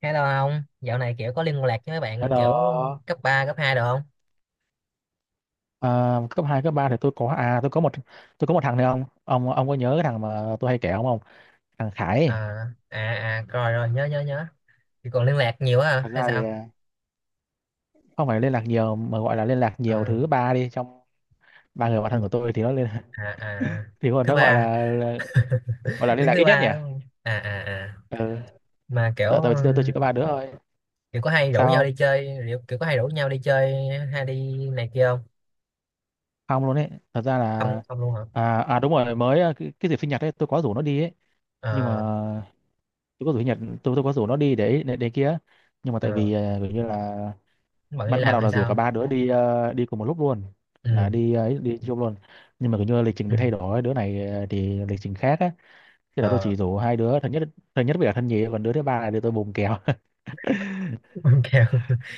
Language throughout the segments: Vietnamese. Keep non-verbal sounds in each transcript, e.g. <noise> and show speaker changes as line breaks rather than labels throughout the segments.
Hay đâu không? Dạo này kiểu có liên lạc với mấy bạn kiểu
Hello,
cấp 3 cấp hai được không?
à, cấp 2 cấp 3 thì tôi có tôi có một thằng này ông có nhớ cái thằng mà tôi hay kể ông không? Thằng Khải ấy.
À, à, à, rồi rồi, nhớ, nhớ, nhớ. Thì còn liên lạc nhiều quá hả?
Thật
Hay
ra thì
sao?
không phải liên lạc nhiều mà gọi là liên lạc nhiều
À,
thứ ba đi trong ba người bạn thân của tôi thì nó liên
à, à,
<laughs> thì còn
thứ
nó
ba,
gọi là liên
đứng
lạc
thứ
ít nhất nhỉ?
ba đúng không? À, à, à.
Ừ,
Mà kiểu,
tại tại vì tôi chỉ có ba đứa thôi.
kiểu có hay rủ
Sao
nhau
không?
đi chơi, kiểu, kiểu có hay rủ nhau đi chơi hay đi này kia không?
Không luôn ấy. Thật ra là
Không, không luôn hả?
đúng rồi mới cái dịp sinh nhật ấy tôi có rủ nó đi ấy nhưng
Ờ,
mà tôi có rủ sinh nhật tôi có rủ nó đi để kia nhưng mà tại
ờ,
vì kiểu như là
bận đi
bắt bắt
làm
đầu
hay
là rủ cả
sao?
ba đứa đi đi cùng một lúc luôn
Ừ,
là đi ấy đi chung luôn nhưng mà kiểu như lịch trình
ừ,
bị thay đổi đứa này thì lịch trình khác á, thế là tôi chỉ
ờ,
rủ hai đứa thân nhất, thân nhất với cả thân nhì còn đứa thứ ba là đứa tôi bùng kèo. <laughs>
<laughs> kiểu,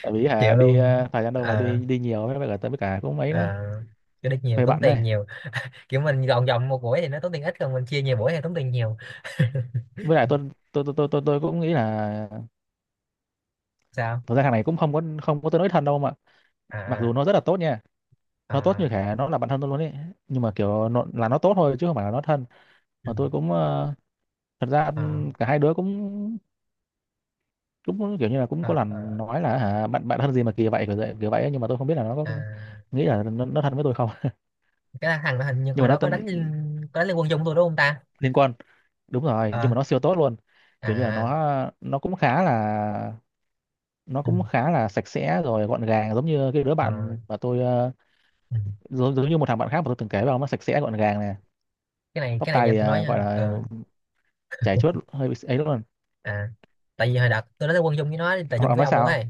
Tại vì hả
chịu
đi
luôn.
thời gian đâu mà đi
Ờ,
đi nhiều với cả tôi với cả cũng mấy
ờ,
đó,
cái đích nhiều,
hơi
tốn
bận
tiền
này
nhiều. Kiểu mình gọn gọn một buổi thì nó tốn tiền ít còn mình chia nhiều buổi thì tốn tiền nhiều. <laughs>
với lại tôi tôi cũng nghĩ là
Sao?
thực ra thằng này cũng không có tôi nói thân đâu mà, mặc dù
À,
nó rất là tốt nha, nó tốt
à,
như thể nó là bạn thân tôi luôn ấy nhưng mà kiểu nó, là nó tốt thôi chứ không phải là nó thân.
ừ,
Mà tôi cũng thật ra
à,
cả hai đứa cũng cũng kiểu như là cũng có
à,
lần
à,
nói là hả bạn bạn thân gì mà kỳ vậy kiểu vậy kiểu vậy ấy, nhưng mà tôi không biết là nó có
à.
nghĩ là nó thân với tôi không. <laughs>
Cái thằng đó hình như
Nhưng
hồi
mà nó
đó có
tên
có đánh Liên quân chung tôi đúng không ta?
liên quan, đúng rồi
Ờ,
nhưng mà nó siêu tốt luôn, kiểu như là
à,
nó cũng khá là nó
ừ,
cũng khá là sạch sẽ rồi gọn gàng giống như cái đứa
ờ,
bạn mà tôi
ừ.
giống, giống như một thằng bạn khác mà tôi từng kể với ông, nó sạch sẽ gọn gàng này,
Cái này
tóc
cái này
tai
nha
thì
tôi nói
gọi
nha.
là
Ờ,
chảy chuốt hơi bị ấy luôn.
à, tại vì hồi đợt tôi đánh Liên quân chung với nó, tại
ông,
chung
ông
với
nói
ông luôn
sao?
ấy,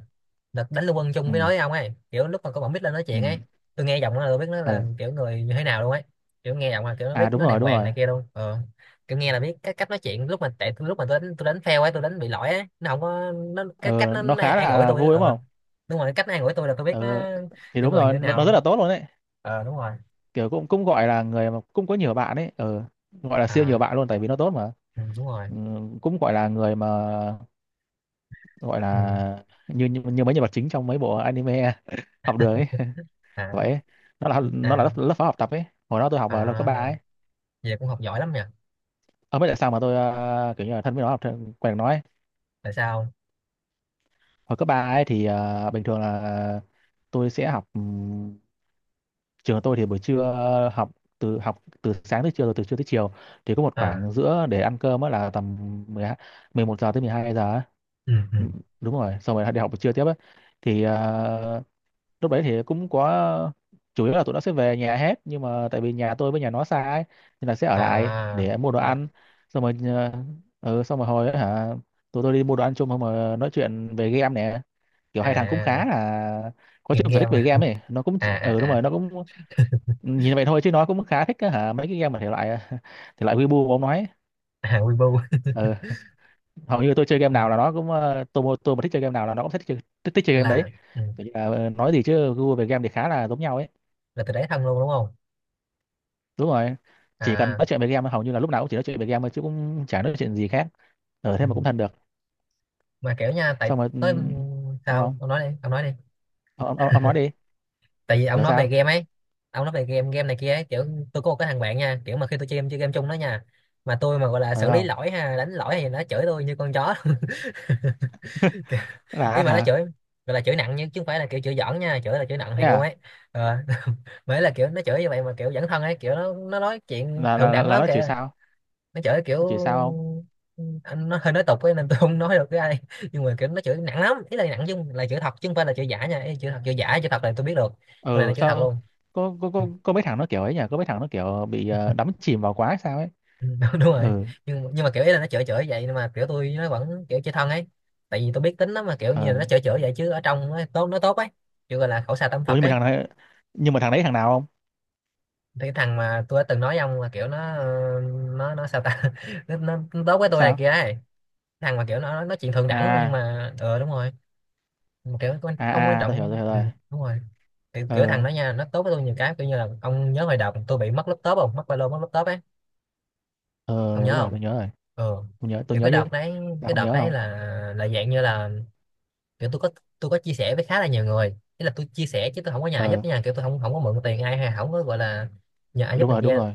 đợt đánh Lưu Quân chung
Ừ,
với nói với ông ấy kiểu lúc mà có bọn Mít lên nói chuyện ấy.
ừ,
Tôi nghe giọng nó là tôi biết nó là
ừ,
kiểu người như thế nào luôn ấy, kiểu nghe giọng là kiểu nó
à
biết
đúng
nó
rồi,
đàng
đúng
hoàng
rồi.
này kia luôn. Ờ, kiểu nghe là biết cái cách nói chuyện, lúc mà tại lúc mà tôi đánh, tôi đánh fail ấy, tôi đánh bị lỗi ấy, nó không có, nó cái cách
Ừ, nó
nó
khá
an ủi
là
tôi ấy.
vui đúng
Ờ,
không?
đúng rồi, cái cách nó an ủi tôi là tôi biết
Ừ,
nó
thì
kiểu
đúng
người
rồi
như thế nào
nó rất là
luôn.
tốt luôn đấy,
Ờ, đúng rồi.
kiểu cũng cũng gọi là người mà cũng có nhiều bạn ấy. Ừ, gọi là siêu nhiều
À,
bạn luôn tại vì nó tốt mà.
ừ, đúng rồi.
Ừ, cũng gọi là người mà gọi
Ừ.
là như như, như mấy nhân vật chính trong mấy bộ anime học đường ấy. <laughs>
À,
Vậy ấy. Nó là
à,
lớp phó học tập ấy, hồi đó tôi học ở lớp cấp
à,
ba ấy.
vậy cũng học giỏi lắm nhỉ.
Ông biết tại sao mà tôi kiểu như là thân với nó học quen nói ấy.
Tại sao?
Hồi cấp ba ấy thì bình thường là tôi sẽ học, trường tôi thì buổi trưa học từ sáng tới chiều rồi từ trưa tới chiều thì có một
À,
khoảng giữa để ăn cơm á, là tầm 12 11 giờ tới 12 giờ á.
ừ, ừ,
Ừ, đúng rồi xong rồi đi học buổi trưa tiếp á. Thì lúc đấy thì cũng có chủ yếu là tụi nó sẽ về nhà hết nhưng mà tại vì nhà tôi với nhà nó xa ấy, nên là sẽ ở lại
à,
để mua đồ
à,
ăn, xong rồi xong rồi hồi ấy, hả tụi tôi đi mua đồ ăn chung xong rồi nói chuyện về game nè, kiểu hai thằng cũng
à.
khá là có
Nghiện
chung sở thích
game
về
á.
game ấy, nó cũng
À, à,
ừ đúng rồi
à.
nó cũng nhìn vậy thôi chứ nó cũng khá thích á hả mấy cái game mà thể loại <laughs> thể loại Weibo mà ông nói.
<laughs> À, Weibo.
Ừ, hầu như tôi chơi game nào là nó cũng tôi mà thích chơi game nào là nó cũng thích chơi, thích chơi game đấy.
Là, ừ,
Kiểu như là, ờ, nói gì chứ gu về game thì khá là giống nhau ấy.
là từ đấy thân luôn đúng không?
Đúng rồi, chỉ cần
À,
nói chuyện về game hầu như là lúc nào cũng chỉ nói chuyện về game thôi chứ cũng chả nói chuyện gì khác, ở thế
ừ.
mà cũng thân được.
Mà kiểu nha, tại
Xong rồi
tới ừ,
sao
sao
không?
ông nói đi, ông nói đi.
Ông nói đi.
Tại vì ông
Hiểu
nói về
sao?
game ấy, ông nói về game, game này kia ấy. Kiểu tôi có một cái thằng bạn nha, kiểu mà khi tôi chơi game, chơi game chung đó nha, mà tôi mà gọi là
Ờ
xử lý
không,
lỗi, ha đánh lỗi thì nó chửi tôi như con chó. <laughs> Kiểu- Ý
là
mà nó
hả?
chửi, gọi là chửi nặng, nhưng chứ không phải là kiểu chửi giỡn nha, chửi là chửi nặng
Thế
thiệt luôn
à?
ấy. Ờ. <laughs> Mới là kiểu nó chửi như vậy mà kiểu dẫn thân ấy, kiểu nó nói chuyện thượng đẳng
Là
lắm
nó chửi
kìa.
sao?
Nó chửi kiểu,
Nó chửi sao?
ừ, anh nó hơi nói tục ấy nên tôi không nói được với ai, <laughs> nhưng mà kiểu nó chửi nặng lắm, ý là nặng chứ không- là chửi thật chứ không phải là chửi giả nha, ý là chửi thật chửi giả, chửi thật là tôi biết được, con này là
Ờ
chửi thật
sao?
luôn.
Có có mấy thằng nó kiểu ấy nhỉ, có mấy thằng nó kiểu bị đắm chìm vào quá hay sao ấy.
Ừ, <laughs> đúng, đúng rồi.
Ừ.
Nhưng mà kiểu ý là nó chửi chửi vậy nhưng mà kiểu tôi nó vẫn kiểu chơi thân ấy, tại vì tôi biết tính nó, mà kiểu như là
Ờ.
nó chửi chửi vậy chứ ở trong nó tốt, nó tốt ấy, kiểu gọi là khẩu xà tâm
Ủa
Phật
nhưng mà
ấy.
thằng này, nhưng mà thằng đấy thằng nào không?
Thì cái thằng mà tôi đã từng nói với ông là kiểu nó ờ, nó sao ta, <laughs> nó tốt với
Nó
tôi này
sao?
kia ấy, thằng mà kiểu nó nói chuyện thượng đẳng, nhưng
À
mà ờ đúng rồi, không quan
à à, tôi
trọng.
hiểu
Ừ,
rồi.
đúng rồi. Kiểu, kiểu thằng
Ờ
đó nha, nó tốt với tôi nhiều cái, kiểu như là ông nhớ hồi đợt tôi bị mất laptop không, mất ba lô, mất laptop ấy. Ông
ờ
nhớ
đúng rồi
không?
tôi nhớ rồi,
Ừ,
tôi
kiểu
nhớ
cái
chứ,
đợt đấy,
là
cái
không
đợt
nhớ
đấy
không.
là dạng như là kiểu tôi có, tôi có chia sẻ với khá là nhiều người, ý là tôi chia sẻ chứ tôi không có nhờ ai
Ờ
giúp nha, kiểu tôi không không có mượn tiền ai hay không có gọi là nhờ ai giúp
đúng
này
rồi đúng
kia.
rồi.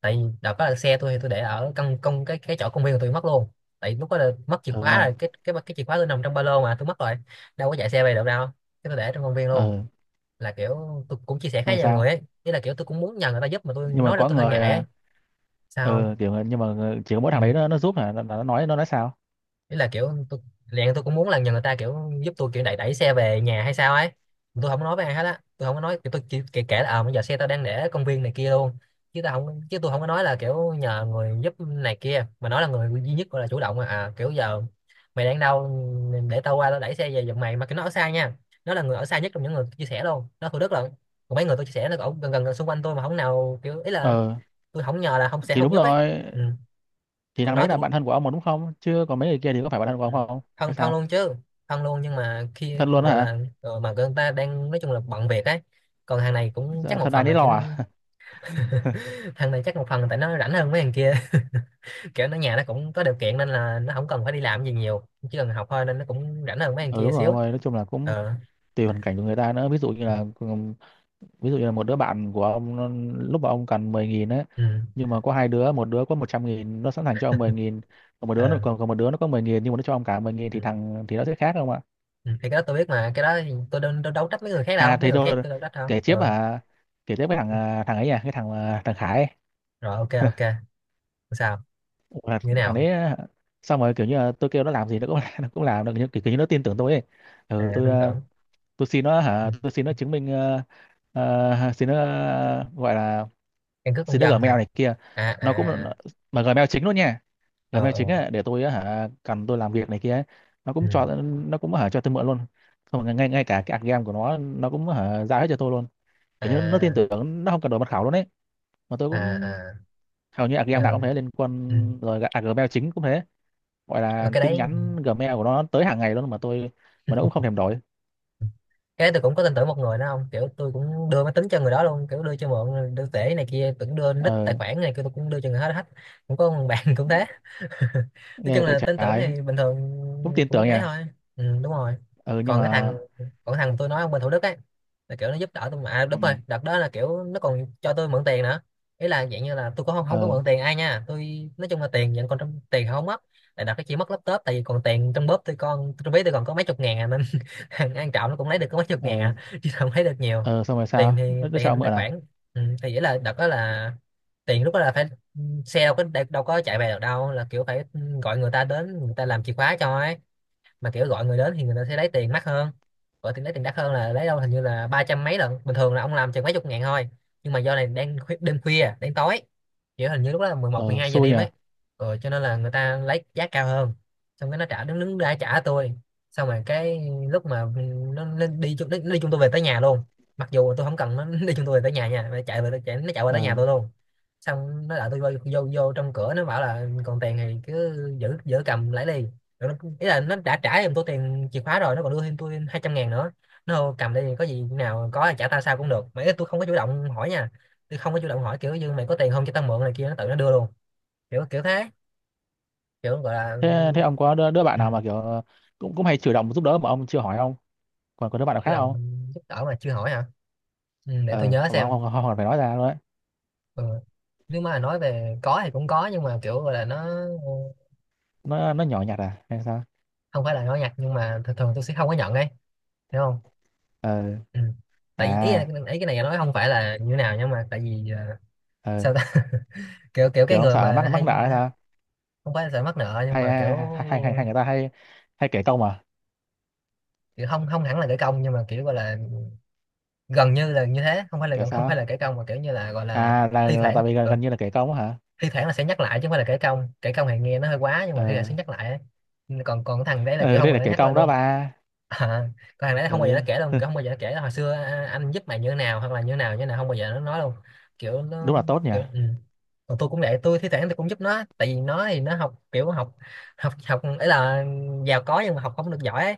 Tại vì đợt đó là xe tôi thì tôi để ở căn công cái chỗ công viên của tôi mất luôn, tại lúc đó là mất chìa
Ờ
khóa rồi,
không.
cái chìa khóa tôi nằm trong ba lô mà tôi mất rồi, đâu có chạy xe về được đâu, cái tôi để trong công viên luôn.
Ờ
Là kiểu tôi cũng chia sẻ
xong
khá
rồi
nhiều
sao?
người ấy, ý là kiểu tôi cũng muốn nhờ người ta giúp mà tôi
Nhưng mà
nói ra
có
tôi hơi
người
ngại ấy. Sao không?
kiểu người- nhưng mà người- chỉ có mỗi
Ừ.
thằng đấy nó giúp hả, là nó nói, nó nói sao?
Ý là kiểu tôi liền tôi cũng muốn là nhờ người ta kiểu giúp tôi kiểu đẩy đẩy xe về nhà hay sao ấy, tôi không nói với ai hết á, tôi không có nói, kiểu tôi chỉ kể là ờ bây giờ xe tao đang để ở công viên này kia luôn, chứ tôi không có nói là kiểu nhờ người giúp này kia, mà nói là người duy nhất gọi là chủ động, mà à kiểu giờ mày đang đâu, để tao qua tao đẩy xe về giùm mày, mà cái nó ở xa nha, nó là người ở xa nhất trong những người chia sẻ luôn, nó Thủ Đức lận. Còn mấy người tôi chia sẻ nó ở gần, gần gần xung quanh tôi mà không nào, kiểu ý là
Ờ
tôi không nhờ là không sẽ
thì đúng
không giúp ấy.
rồi,
Ừ.
thì
Còn
thằng
nói
đấy là
tôi.
bạn thân của ông mà đúng không chứ còn mấy người kia thì có phải bạn thân của
Ừ.
ông không hay
Thân thân
sao?
luôn chứ, thân luôn, nhưng mà khi
Thân luôn đó
gọi
hả?
là ờ, mà người ta đang nói chung là bận việc ấy, còn hàng này cũng chắc
Dạ,
một
thân ái
phần
nấy
là kiểu.
lo à.
<laughs> Thằng này chắc một phần là tại nó rảnh hơn mấy thằng kia, <laughs> kiểu nó nhà nó cũng có điều kiện nên là nó không cần phải đi làm gì nhiều, chỉ cần học thôi, nên nó cũng rảnh hơn mấy thằng
Ừ
kia
đúng rồi
xíu.
ông ơi, nói chung là cũng
Ờ,
tùy hoàn cảnh của người ta nữa. Ví dụ như
ừ,
là ví dụ như là một đứa bạn của ông nó- lúc mà ông cần 10 nghìn ấy,
ừ,
nhưng mà có hai đứa, một đứa có 100 nghìn nó sẵn sàng cho ông 10 nghìn, còn một đứa
ờ,
còn một đứa nó có 10 nghìn nhưng mà nó cho ông cả 10 nghìn
ừ.
thì thằng thì nó sẽ khác không ạ?
Ừ, thì cái đó tôi biết mà, cái đó thì tôi đâu trách mấy người khác đâu, mấy
Thì
người khác
tôi
tôi đâu trách đâu.
kể tiếp
Ờ,
kể tiếp cái thằng à, thằng ấy à cái thằng thằng Khải ấy.
rồi ok, ok.
<laughs>
Sao?
Là
Như thế
thằng
nào?
đấy xong rồi kiểu như là tôi kêu nó làm gì nó cũng <laughs> nó cũng làm được kiểu như nó tin tưởng tôi ấy.
À,
Ừ tôi
tin tưởng.
tôi xin nó,
Ừ.
hả tôi xin nó chứng minh xin nó gọi là
Căn cước công
xin nó
dân
Gmail
hả?
này kia,
À, à,
nó cũng nó-
à.
mà Gmail chính luôn nha,
Ờ,
Gmail chính
ờ,
ấy, để tôi á hả cần tôi làm việc này kia ấy. Nó
ừ.
cũng cho, nó cũng hả cho tôi mượn luôn, không ngay ngay cả cái game của nó cũng hả giao hết cho tôi luôn, kiểu như nó tin
À,
tưởng nó không cần đổi mật khẩu luôn ấy. Mà tôi
à,
cũng
à.
hầu như
Ờ,
game nào cũng thế liên quan
ừ.
rồi Gmail chính cũng thế, gọi
Ờ,
là
cái
tin
đấy,
nhắn Gmail của nó tới hàng ngày luôn mà tôi mà nó cũng không thèm đổi.
cái đấy tôi cũng có tin tưởng một người đó không, kiểu tôi cũng đưa máy tính cho người đó luôn, kiểu đưa cho mượn, đưa tể này kia, tưởng đưa nick tài
Ờ
khoản này kia, tôi cũng đưa cho người hết hết. Cũng có một bạn <laughs> cũng thế. <laughs> Nói
nghe
chung
vậy
là tên tưởng
trái,
thì bình thường
cũng tin tưởng
cũng
nhỉ.
ấy thôi. Ừ, đúng rồi.
Ừ nhưng
Còn cái thằng,
mà
còn cái thằng tôi nói ông bên Thủ Đức ấy, là kiểu nó giúp đỡ tôi, mà à,
ừ.
đúng rồi, đợt đó là kiểu nó còn cho tôi mượn tiền nữa. Ý là dạng như là tôi có không không có
Ờ
mượn tiền ai nha, tôi nói chung là tiền vẫn còn trong, tiền không mất, tại đợt cái chỉ mất laptop, tại vì còn tiền trong bóp tôi, còn trong ví tôi còn có mấy chục ngàn à, nên <laughs> thằng An Trọng nó cũng lấy được có mấy chục ngàn
ờ
à, <laughs> chứ không lấy được nhiều.
ờ xong rồi
tiền thì
sao, nó
Tiền thì
cho ông
trong
mượn
tài
à?
khoản. Ừ, thì nghĩa là đợt đó là tiền lúc đó là phải, xe đâu có đâu có chạy về được đâu, là kiểu phải ừ, gọi người ta đến, người ta làm chìa khóa cho ấy, mà kiểu gọi người đến thì người ta sẽ lấy tiền mắc hơn, gọi tiền lấy tiền đắt hơn là lấy đâu hình như là 300 mấy lần, bình thường là ông làm chừng mấy chục ngàn thôi, nhưng mà do này đang khuya, đêm khuya đến tối, kiểu hình như lúc đó là mười một mười
Ờ
hai giờ
xui
đêm
nhỉ.
ấy. Rồi cho nên là người ta lấy giá cao hơn. Xong cái nó trả đứng đứng ra trả tôi. Xong rồi cái lúc mà nó đi chung, nó đi chung tôi về tới nhà luôn, mặc dù tôi không cần nó <laughs> đi chung tôi về tới nhà nha, nó chạy về tới nhà tôi
Ờ
luôn. Xong nó đợi tôi vô, vô vô trong cửa, nó bảo là còn tiền thì cứ giữ giữ cầm lấy đi, rồi nó, ý là nó đã trả em tôi tiền chìa khóa rồi, nó còn đưa thêm tôi 200.000 nữa, nó cầm đây có gì nào có là trả tao sao cũng được, mà ý là tôi không có chủ động hỏi nha, tôi không có chủ động hỏi kiểu như mày có tiền không cho tao mượn này kia, nó tự nó đưa luôn, kiểu kiểu thế, kiểu gọi là
thế thế ông có đứa bạn
ừ,
nào mà kiểu cũng cũng hay chủ động giúp đỡ mà ông chưa hỏi không? Còn có đứa bạn nào
Chủ
khác
động
không?
giúp đỡ mà chưa hỏi hả? Ừ, để tôi
Ờ
nhớ
mà ông
xem.
không phải nói ra luôn đấy.
Ừ. Nếu mà nói về có thì cũng có, nhưng mà kiểu gọi là nó
Nó nhỏ nhặt à hay sao?
không phải là nói nhặt, nhưng mà thường thường tôi sẽ không có nhận đấy, hiểu không?
Ờ.
Ừ. tại ý, ý,
À
ý cái này nói không phải là như thế nào, nhưng mà tại vì
ờ
sao ta? Kiểu kiểu
kiểu
cái
ông
người
sợ mắc
mà
mắc nợ
hay,
hay sao?
không phải là sợ mắc nợ nhưng
hay
mà kiểu
hay hay, hay, hay hay người ta hay hay kể công à?
kiểu không không hẳn là kẻ công, nhưng mà kiểu gọi là gần như là như thế, không phải là
Kiểu
gần, không phải là
sao?
kẻ công mà kiểu như là gọi là
À là
thi thoảng
tại vì gần như là kể công á hả.
thi thoảng là sẽ nhắc lại, chứ không phải là kẻ công, kẻ công thì nghe nó hơi quá, nhưng
Ờ.
mà thi thoảng sẽ nhắc lại ấy. Còn còn cái thằng đấy là kiểu
Ờ
không
đây
mà
là
nó
kể
nhắc lên
công đó
luôn.
ba.
À, còn thằng đấy
Ừ
không bao giờ nó kể đâu, không bao giờ nó kể hồi xưa à, anh giúp mày như thế nào hoặc là như thế nào như thế nào, không bao giờ nó nói đâu. Kiểu nó
đúng là tốt nhỉ.
kiểu ừ. Còn tôi cũng vậy, tôi thi thoảng tôi cũng giúp nó, tại vì nó thì nó học kiểu học học học ấy, là giàu có nhưng mà học không được giỏi ấy.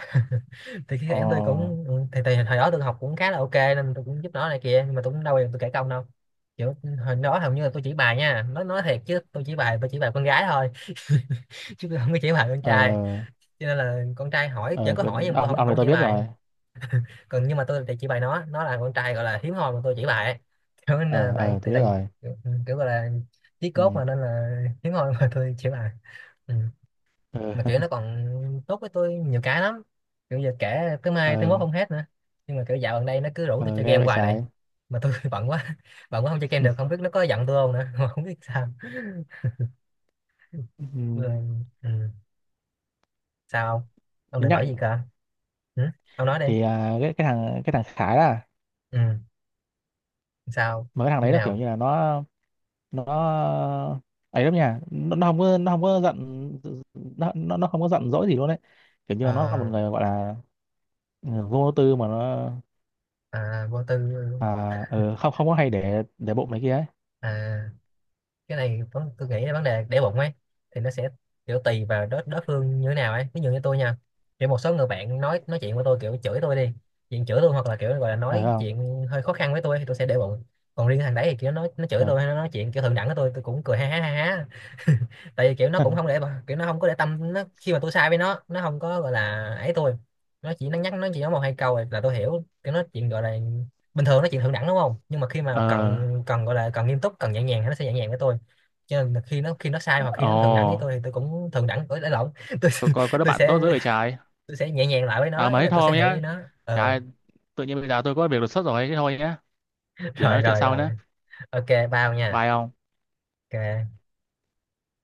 <laughs> Thì thi thoảng tôi
Ờ
cũng ừ, thì hồi đó tôi học cũng khá là ok nên tôi cũng giúp nó này kia, nhưng mà tôi cũng đâu bao giờ tôi kể công đâu. Kiểu ừ, hồi đó hầu như là tôi chỉ bài nha, nó nói thiệt chứ tôi chỉ bài, tôi chỉ bài con gái thôi, <laughs> chứ tôi không có chỉ bài con trai.
ờ
Cho nên là con trai hỏi vẫn
ờ
có
cái-
hỏi, nhưng mà tôi
ông
không
này
không
tôi
chỉ
biết rồi.
bài. Còn nhưng mà tôi thì chỉ bày nó là con trai gọi là hiếm hoi mà tôi chỉ bày, <laughs> kiểu là
Ờ
vậy.
ờ
Thì
tôi biết
tại vì
rồi.
kiểu, ừ, kiểu gọi là chí cốt
Ừ
mà nên là hiếm hoi mà tôi chỉ bày, ừ.
ờ
Mà kiểu
<laughs>
nó còn tốt với tôi nhiều cái lắm, kiểu giờ kể tới mai tới mốt
ờ
không hết nữa. Nhưng mà kiểu dạo gần đây nó cứ rủ tôi
ờ,
chơi
ghê
game
vậy
hoài này,
trái.
mà tôi <laughs> bận quá, bận quá không chơi game được, không biết nó có giận tôi không nữa <laughs> mà không biết sao.
Ừ.
Rồi, ừ. Sao ông? Ông định
Nhắc
bảo gì cơ? Ừ? Ông nói đi.
thì cái thằng Khải là
Ừ. Sao?
mà cái thằng đấy
Như
nó kiểu
nào?
như là nó ấy lắm nha nó không có giận, nó không có giận dỗi gì luôn đấy, kiểu như là nó là một
Ờ,
người gọi là ừ, vô tư mà nó
à, vô tư.
à, không không có hay để bụng này kia ấy.
À, tôi nghĩ là vấn đề để bụng ấy, thì nó sẽ kiểu tùy vào đối đối phương như thế nào ấy, ví dụ như tôi nha, kiểu một số người bạn nói chuyện với tôi kiểu chửi tôi đi, chuyện chửi tôi hoặc là kiểu gọi là
Ờ
nói
không.
chuyện hơi khó khăn với tôi thì tôi sẽ để bụng. Còn riêng thằng đấy thì kiểu nó chửi
Ờ
tôi hay nó nói chuyện kiểu thượng đẳng với tôi cũng cười ha ha ha ha. <laughs> Tại vì kiểu nó cũng không
<laughs>
để kiểu nó không có để tâm nó, khi mà tôi sai với nó không có gọi là ấy tôi, nó chỉ nó nhắc, nó chỉ nói một hai câu rồi là tôi hiểu. Kiểu nó chuyện gọi là bình thường nó chuyện thượng đẳng đúng không, nhưng mà khi mà cần
ờ
cần gọi là cần nghiêm túc cần nhẹ nhàng thì nó sẽ nhẹ nhàng với tôi. Cho nên là khi nó sai hoặc khi
Ồ
nó thượng đẳng với tôi thì tôi cũng thượng đẳng, tôi đã lộn <laughs> tôi,
có đứa
tôi
bạn tốt dữ
sẽ
vậy trái.
tôi sẽ nhẹ nhàng lại với
À
nó, ý
mấy
là tôi sẽ
thôi
hiểu với
nhá.
nó.
Trời
Ờ.
ơi, tự nhiên bây giờ tôi có việc đột xuất rồi, thế thôi nhé.
<laughs>
Để
Rồi
nói chuyện
rồi
sau
rồi.
nhé.
Ok, bao nha.
Bye ông.
Ok.